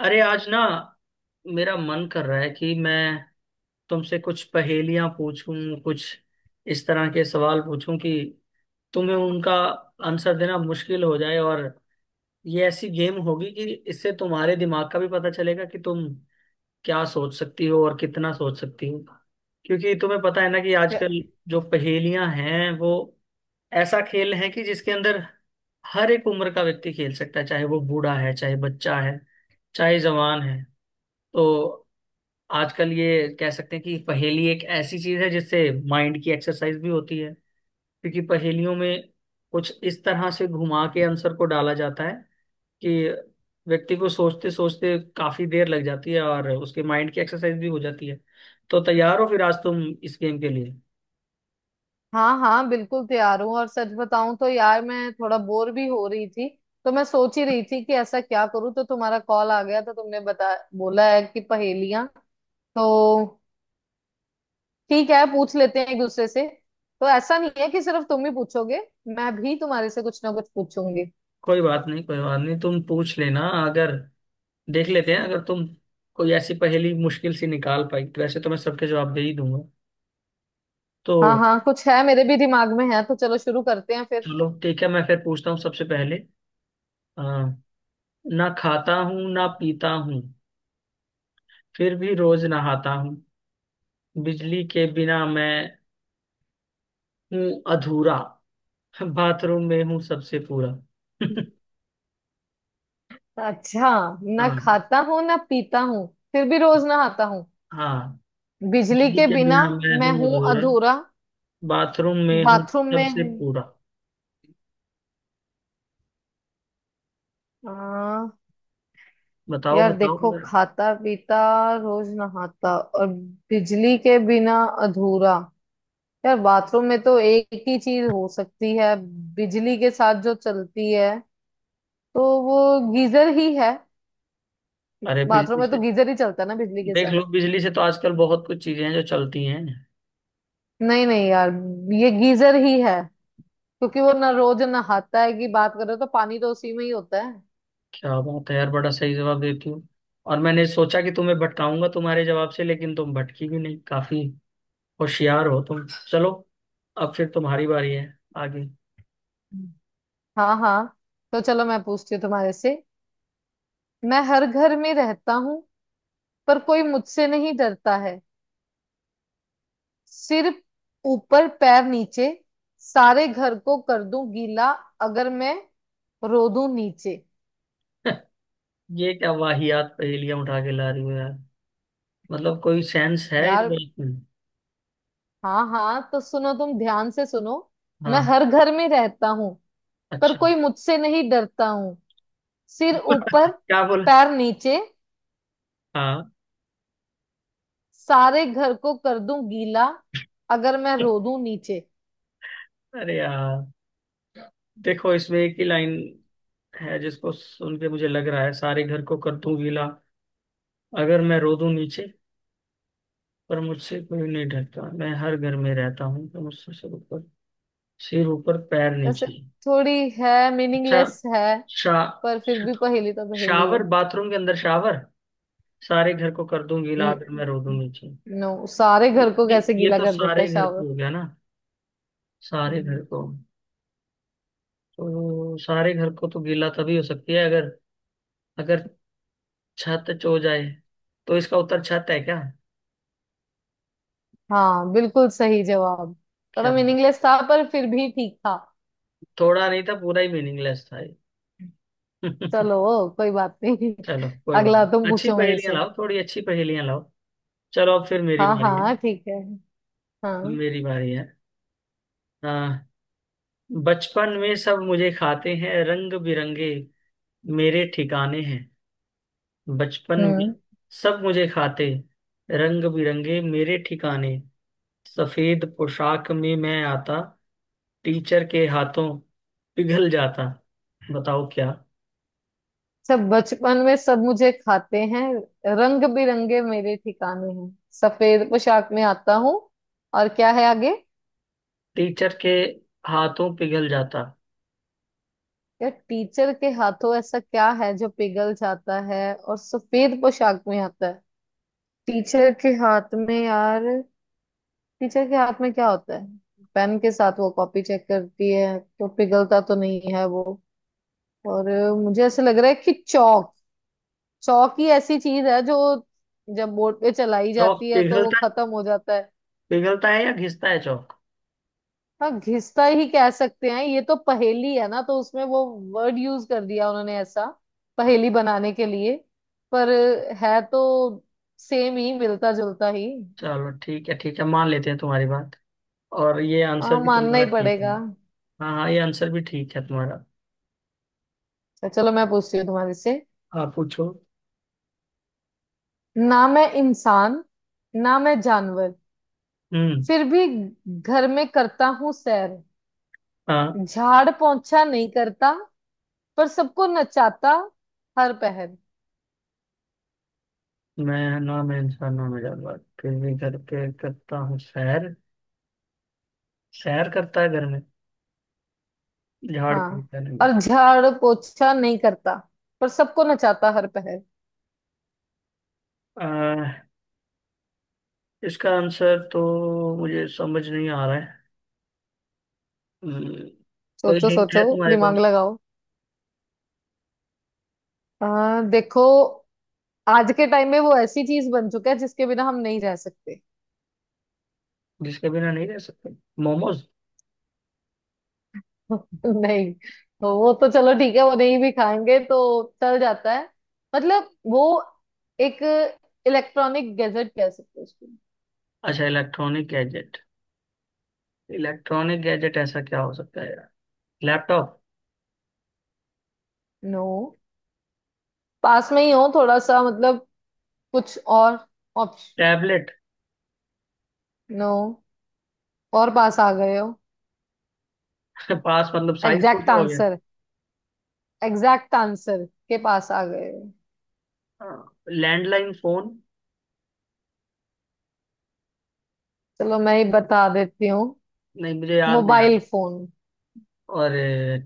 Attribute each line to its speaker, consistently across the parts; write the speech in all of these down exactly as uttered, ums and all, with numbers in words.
Speaker 1: अरे आज ना, मेरा मन कर रहा है कि मैं तुमसे कुछ पहेलियां पूछूं, कुछ इस तरह के सवाल पूछूं कि तुम्हें उनका आंसर देना मुश्किल हो जाए। और ये ऐसी गेम होगी कि इससे तुम्हारे दिमाग का भी पता चलेगा कि तुम क्या सोच सकती हो और कितना सोच सकती हो। क्योंकि तुम्हें पता है ना कि
Speaker 2: या-
Speaker 1: आजकल जो पहेलियां हैं वो ऐसा खेल है कि जिसके अंदर हर एक उम्र का व्यक्ति खेल सकता है, चाहे वो बूढ़ा है, चाहे बच्चा है, चाहे जवान है। तो आजकल ये कह सकते हैं कि पहेली एक ऐसी चीज है जिससे माइंड की एक्सरसाइज भी होती है। क्योंकि पहेलियों में कुछ इस तरह से घुमा के आंसर को डाला जाता है कि व्यक्ति को सोचते सोचते काफी देर लग जाती है और उसके माइंड की एक्सरसाइज भी हो जाती है। तो तैयार हो फिर आज तुम इस गेम के लिए?
Speaker 2: हाँ हाँ बिल्कुल तैयार हूँ। और सच बताऊं तो यार मैं थोड़ा बोर भी हो रही थी, तो मैं सोच ही रही थी कि ऐसा क्या करूँ। तो तुम्हारा कॉल आ गया, तो तुमने बता बोला है कि पहेलियां, तो ठीक है, पूछ लेते हैं एक दूसरे से। तो ऐसा नहीं है कि सिर्फ तुम ही पूछोगे, मैं भी तुम्हारे से कुछ ना कुछ पूछूंगी।
Speaker 1: कोई बात नहीं, कोई बात नहीं, तुम पूछ लेना। अगर देख लेते हैं, अगर तुम कोई ऐसी पहेली मुश्किल सी निकाल पाई, वैसे तो मैं सबके जवाब दे ही दूंगा। तो
Speaker 2: हाँ हाँ, कुछ है मेरे भी दिमाग में है, तो चलो शुरू करते हैं फिर।
Speaker 1: चलो ठीक है, मैं फिर पूछता हूँ सबसे पहले। हाँ। ना खाता हूँ ना पीता हूँ, फिर भी रोज नहाता हूँ। बिजली के बिना मैं हूँ अधूरा, बाथरूम में हूँ सबसे पूरा।
Speaker 2: अच्छा, ना
Speaker 1: हाँ।
Speaker 2: खाता हूँ ना पीता हूँ, फिर भी रोज नहाता हूँ,
Speaker 1: हाँ,
Speaker 2: बिजली
Speaker 1: बिजली
Speaker 2: के
Speaker 1: के
Speaker 2: बिना
Speaker 1: बिना मैं
Speaker 2: मैं
Speaker 1: हूँ
Speaker 2: हूँ
Speaker 1: अधूरा,
Speaker 2: अधूरा,
Speaker 1: बाथरूम में हूँ
Speaker 2: बाथरूम में
Speaker 1: सबसे
Speaker 2: हूँ।
Speaker 1: पूरा।
Speaker 2: हाँ।
Speaker 1: बताओ
Speaker 2: यार
Speaker 1: बताओ
Speaker 2: देखो,
Speaker 1: जरा।
Speaker 2: खाता पीता, रोज नहाता और बिजली के बिना अधूरा, यार बाथरूम में तो एक ही चीज हो सकती है बिजली के साथ जो चलती है, तो वो गीजर ही है।
Speaker 1: अरे
Speaker 2: बाथरूम
Speaker 1: बिजली
Speaker 2: में तो
Speaker 1: से,
Speaker 2: गीजर ही चलता है ना बिजली के
Speaker 1: देख
Speaker 2: साथ।
Speaker 1: लो बिजली से तो आजकल बहुत कुछ चीजें हैं जो चलती हैं।
Speaker 2: नहीं नहीं यार, ये गीजर ही है, क्योंकि वो ना रोज नहाता है कि बात करो तो पानी तो उसी में ही होता है।
Speaker 1: क्या बात है यार, बड़ा सही जवाब देती हो। और मैंने सोचा कि तुम्हें भटकाऊंगा तुम्हारे जवाब से, लेकिन तुम भटकी भी नहीं। काफी होशियार हो तुम। चलो, अब फिर तुम्हारी बारी है आगे।
Speaker 2: हाँ हाँ, तो चलो मैं पूछती हूँ तुम्हारे से। मैं हर घर में रहता हूँ, पर कोई मुझसे नहीं डरता है। सिर ऊपर पैर नीचे, सारे घर को कर दूं गीला, अगर मैं रो दूं नीचे।
Speaker 1: ये क्या वाहियात पहेलियां उठा के ला रही हो यार। मतलब कोई सेंस है इस
Speaker 2: यार,
Speaker 1: बात में।
Speaker 2: हाँ हाँ तो सुनो, तुम ध्यान से सुनो। मैं
Speaker 1: हाँ।
Speaker 2: हर घर में रहता हूँ, पर
Speaker 1: अच्छा।
Speaker 2: कोई मुझसे नहीं डरता हूँ। सिर ऊपर
Speaker 1: क्या बोला?
Speaker 2: पैर नीचे,
Speaker 1: हाँ।
Speaker 2: सारे घर को कर दूं गीला, अगर मैं रो दूं नीचे।
Speaker 1: अरे यार, देखो इसमें एक ही लाइन है जिसको सुन के मुझे लग रहा है सारे घर को कर दूं गीला अगर मैं रो दूं नीचे। पर मुझसे कोई नहीं डरता, मैं हर घर में रहता हूँ, तो मुझसे सब ऊपर, सिर ऊपर पैर
Speaker 2: वैसे
Speaker 1: नीचे।
Speaker 2: थोड़ी है,
Speaker 1: अच्छा,
Speaker 2: मीनिंगलेस है,
Speaker 1: शा
Speaker 2: पर फिर भी पहेली तो पहेली है।
Speaker 1: शावर, बाथरूम के अंदर शावर। सारे घर को कर दूं गीला आकर मैं
Speaker 2: न-
Speaker 1: रो दूंगी जी।
Speaker 2: नो, सारे घर को
Speaker 1: ये
Speaker 2: कैसे
Speaker 1: ये
Speaker 2: गीला
Speaker 1: तो
Speaker 2: कर देता
Speaker 1: सारे
Speaker 2: है
Speaker 1: घर
Speaker 2: शावर।
Speaker 1: को हो गया ना। सारे
Speaker 2: हम्म,
Speaker 1: घर को। तो सारे घर को तो गीला तभी हो सकती है अगर अगर छत चो जाए। तो इसका उत्तर छत है क्या?
Speaker 2: हाँ बिल्कुल सही जवाब। थोड़ा
Speaker 1: क्या,
Speaker 2: मीनिंगलेस था पर फिर भी ठीक था।
Speaker 1: थोड़ा नहीं था, पूरा ही मीनिंगलेस था ये।
Speaker 2: चलो, कोई बात नहीं।
Speaker 1: चलो, कोई बात
Speaker 2: अगला तुम
Speaker 1: नहीं। अच्छी
Speaker 2: पूछो मेरे
Speaker 1: पहेलियां
Speaker 2: से।
Speaker 1: लाओ, थोड़ी अच्छी पहेलियां लाओ। चलो अब फिर मेरी
Speaker 2: हाँ
Speaker 1: बारी है।
Speaker 2: हाँ ठीक है। हाँ।
Speaker 1: मेरी बारी है। आ, बचपन में सब मुझे खाते हैं, रंग बिरंगे मेरे ठिकाने हैं। बचपन में
Speaker 2: हम्म।
Speaker 1: सब मुझे खाते, रंग बिरंगे मेरे ठिकाने। सफेद पोशाक में मैं आता, टीचर के हाथों पिघल जाता। बताओ क्या।
Speaker 2: सब बचपन में सब मुझे खाते हैं, रंग बिरंगे मेरे ठिकाने हैं, सफेद पोशाक में आता हूँ, और क्या है आगे?
Speaker 1: टीचर के हाथों पिघल जाता।
Speaker 2: या टीचर के हाथों ऐसा क्या है जो पिघल जाता है और सफेद पोशाक में आता है? टीचर के हाथ में यार, टीचर के हाथ में क्या होता है? पेन के साथ वो कॉपी चेक करती है, तो पिघलता तो नहीं है वो। और अ, मुझे ऐसे लग रहा है कि चौक, चौक ही ऐसी चीज है जो जब बोर्ड पे चलाई
Speaker 1: चौक
Speaker 2: जाती है तो वो
Speaker 1: पिघलता?
Speaker 2: खत्म हो जाता है।
Speaker 1: पिघलता है या घिसता है चौक?
Speaker 2: हाँ, घिसता ही कह सकते हैं, ये तो पहेली है ना, तो उसमें वो वर्ड यूज कर दिया उन्होंने ऐसा पहेली बनाने के लिए। पर अ, है तो सेम ही, मिलता जुलता ही।
Speaker 1: चलो ठीक है, ठीक है, मान लेते हैं तुम्हारी बात। और ये
Speaker 2: हाँ,
Speaker 1: आंसर भी
Speaker 2: मानना ही
Speaker 1: तुम्हारा ठीक है।
Speaker 2: पड़ेगा।
Speaker 1: हाँ हाँ, ये आंसर भी ठीक है तुम्हारा।
Speaker 2: तो चलो मैं पूछती हूँ तुम्हारे से।
Speaker 1: आप पूछो।
Speaker 2: ना मैं इंसान, ना मैं जानवर,
Speaker 1: हम्म।
Speaker 2: फिर भी घर में करता हूँ सैर।
Speaker 1: हाँ।
Speaker 2: झाड़ पोंछा नहीं करता, पर सबको नचाता हर पहर।
Speaker 1: मैं ना, मैं इंसानों में जानवर फिर भी घर पे करता हूँ सैर। सैर करता है घर में, झाड़
Speaker 2: हाँ,
Speaker 1: फूकता नहीं।
Speaker 2: और झाड़ पोंछा नहीं करता, पर सबको नचाता हर पहर।
Speaker 1: अह, इसका आंसर तो मुझे समझ नहीं आ रहा है। हम्म, कोई
Speaker 2: सोचो
Speaker 1: हिंट है
Speaker 2: सोचो,
Speaker 1: तुम्हारे
Speaker 2: दिमाग
Speaker 1: पास?
Speaker 2: लगाओ। आ, देखो, आज के टाइम में वो ऐसी चीज बन चुका है जिसके बिना हम नहीं रह सकते।
Speaker 1: जिसके बिना नहीं रह सकते। मोमोज?
Speaker 2: नहीं, तो वो तो चलो ठीक है, वो नहीं भी खाएंगे तो चल जाता है। मतलब वो एक इलेक्ट्रॉनिक गैजेट कह सकते हैं उसको।
Speaker 1: अच्छा, इलेक्ट्रॉनिक गैजेट। इलेक्ट्रॉनिक गैजेट ऐसा क्या हो सकता है यार। लैपटॉप?
Speaker 2: नो, पास में ही हो थोड़ा सा, मतलब कुछ और ऑप्शन।
Speaker 1: टैबलेट?
Speaker 2: नो, और पास आ गए हो।
Speaker 1: पास मतलब साइज
Speaker 2: एग्जैक्ट
Speaker 1: छोटा हो गया।
Speaker 2: आंसर, एग्जैक्ट आंसर के पास आ गए हो।
Speaker 1: हाँ। Landline phone.
Speaker 2: चलो मैं ही बता देती हूँ,
Speaker 1: नहीं, मुझे याद नहीं आ रहा।
Speaker 2: Mobile phone.
Speaker 1: और?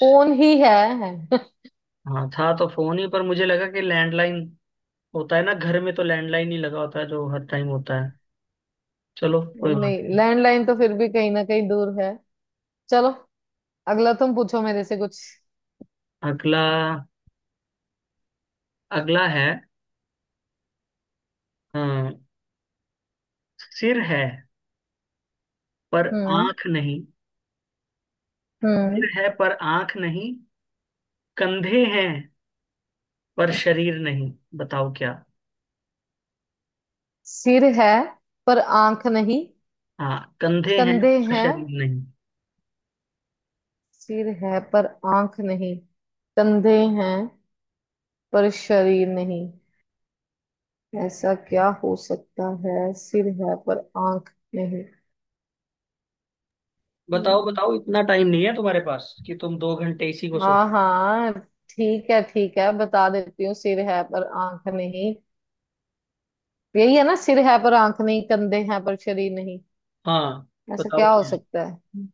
Speaker 2: फोन ही है, है।
Speaker 1: हाँ, था तो फोन ही, पर मुझे लगा कि लैंडलाइन होता है ना घर में, तो लैंडलाइन ही लगा होता है जो हर टाइम होता है। चलो, कोई बात
Speaker 2: नहीं,
Speaker 1: नहीं।
Speaker 2: लैंडलाइन तो फिर भी कहीं ना कहीं दूर है। चलो, अगला तुम पूछो मेरे से कुछ।
Speaker 1: अगला अगला है। हाँ, सिर है पर
Speaker 2: हम्म।
Speaker 1: आंख नहीं।
Speaker 2: हम्म।
Speaker 1: सिर है पर आंख नहीं, कंधे हैं पर शरीर नहीं। बताओ क्या।
Speaker 2: सिर है पर आंख नहीं,
Speaker 1: हाँ, कंधे हैं
Speaker 2: कंधे
Speaker 1: पर
Speaker 2: हैं।
Speaker 1: शरीर नहीं।
Speaker 2: सिर है पर आंख नहीं, कंधे हैं पर शरीर नहीं। ऐसा क्या हो सकता है, सिर है पर आंख नहीं?
Speaker 1: बताओ
Speaker 2: हम्म,
Speaker 1: बताओ, इतना टाइम नहीं है तुम्हारे पास कि तुम दो घंटे इसी को सोच।
Speaker 2: हाँ हाँ ठीक है, ठीक है बता देती हूँ, सिर है पर आंख नहीं, यही है ना, सिर है पर आंख नहीं, कंधे हैं पर शरीर नहीं,
Speaker 1: हाँ।
Speaker 2: ऐसा
Speaker 1: बताओ
Speaker 2: क्या हो
Speaker 1: क्या है?
Speaker 2: सकता है?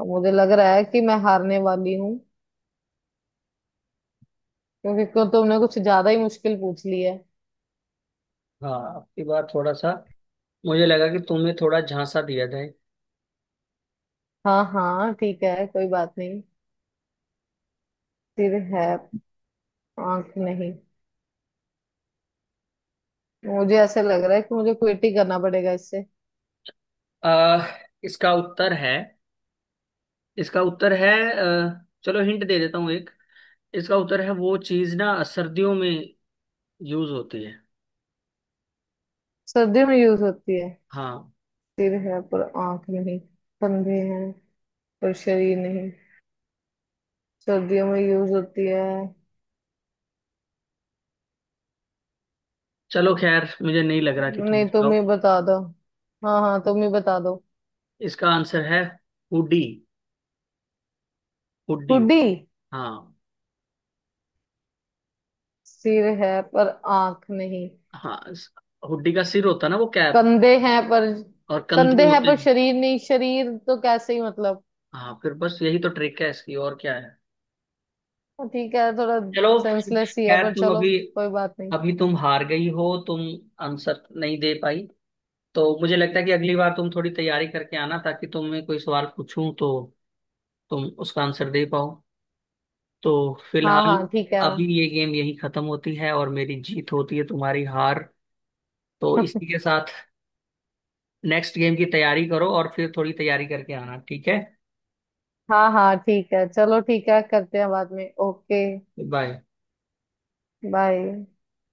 Speaker 2: अब मुझे लग रहा है कि मैं हारने वाली हूँ, क्योंकि को तुमने कुछ ज्यादा ही मुश्किल पूछ ली है।
Speaker 1: हाँ, आपकी बात थोड़ा सा, मुझे लगा कि तुम्हें थोड़ा झांसा दिया जाए।
Speaker 2: हाँ हाँ ठीक है, कोई बात नहीं। सिर है, आंख नहीं। मुझे ऐसे लग रहा है कि मुझे क्विट ही करना पड़ेगा इससे।
Speaker 1: आ, इसका उत्तर है, इसका उत्तर है, अ, चलो हिंट दे देता हूँ एक। इसका उत्तर है वो चीज ना सर्दियों में यूज होती है।
Speaker 2: सर्दियों में यूज होती है?
Speaker 1: हाँ।
Speaker 2: सिर है पर आंख नहीं, कंधे हैं पर शरीर नहीं, सर्दियों में यूज होती है।
Speaker 1: चलो खैर, मुझे नहीं लग रहा कि तुम
Speaker 2: नहीं तुम
Speaker 1: बताओ।
Speaker 2: ही बता दो, हाँ हाँ तुम ही बता दो।
Speaker 1: इसका आंसर है हुडी। हुडी।
Speaker 2: हुडी।
Speaker 1: हाँ।
Speaker 2: सिर है पर आंख नहीं,
Speaker 1: हाँ, इस- हुडी का सिर होता है ना वो कैप,
Speaker 2: कंधे हैं पर,
Speaker 1: और कंधे
Speaker 2: कंधे हैं
Speaker 1: होते
Speaker 2: पर
Speaker 1: हैं।
Speaker 2: शरीर नहीं, शरीर तो कैसे ही, मतलब।
Speaker 1: हाँ, फिर बस यही तो ट्रिक है इसकी, और क्या है।
Speaker 2: हाँ, ठीक है, थोड़ा
Speaker 1: चलो
Speaker 2: सेंसलेस ही है
Speaker 1: खैर,
Speaker 2: पर
Speaker 1: तुम
Speaker 2: चलो,
Speaker 1: अभी,
Speaker 2: कोई बात नहीं।
Speaker 1: अभी तुम हार गई हो तुम। आंसर नहीं दे पाई। तो मुझे लगता है कि अगली बार तुम थोड़ी तैयारी करके आना, ताकि तुम्हें कोई सवाल पूछूं तो तुम उसका आंसर दे पाओ। तो
Speaker 2: हाँ
Speaker 1: फिलहाल
Speaker 2: हाँ ठीक है।
Speaker 1: अभी ये गेम यही खत्म होती है और मेरी जीत होती है, तुम्हारी हार। तो इसी के साथ नेक्स्ट गेम की तैयारी करो और फिर थोड़ी तैयारी करके आना, ठीक है।
Speaker 2: हाँ हाँ ठीक है, चलो ठीक है, करते हैं बाद में। Okay,
Speaker 1: bye.
Speaker 2: बाय।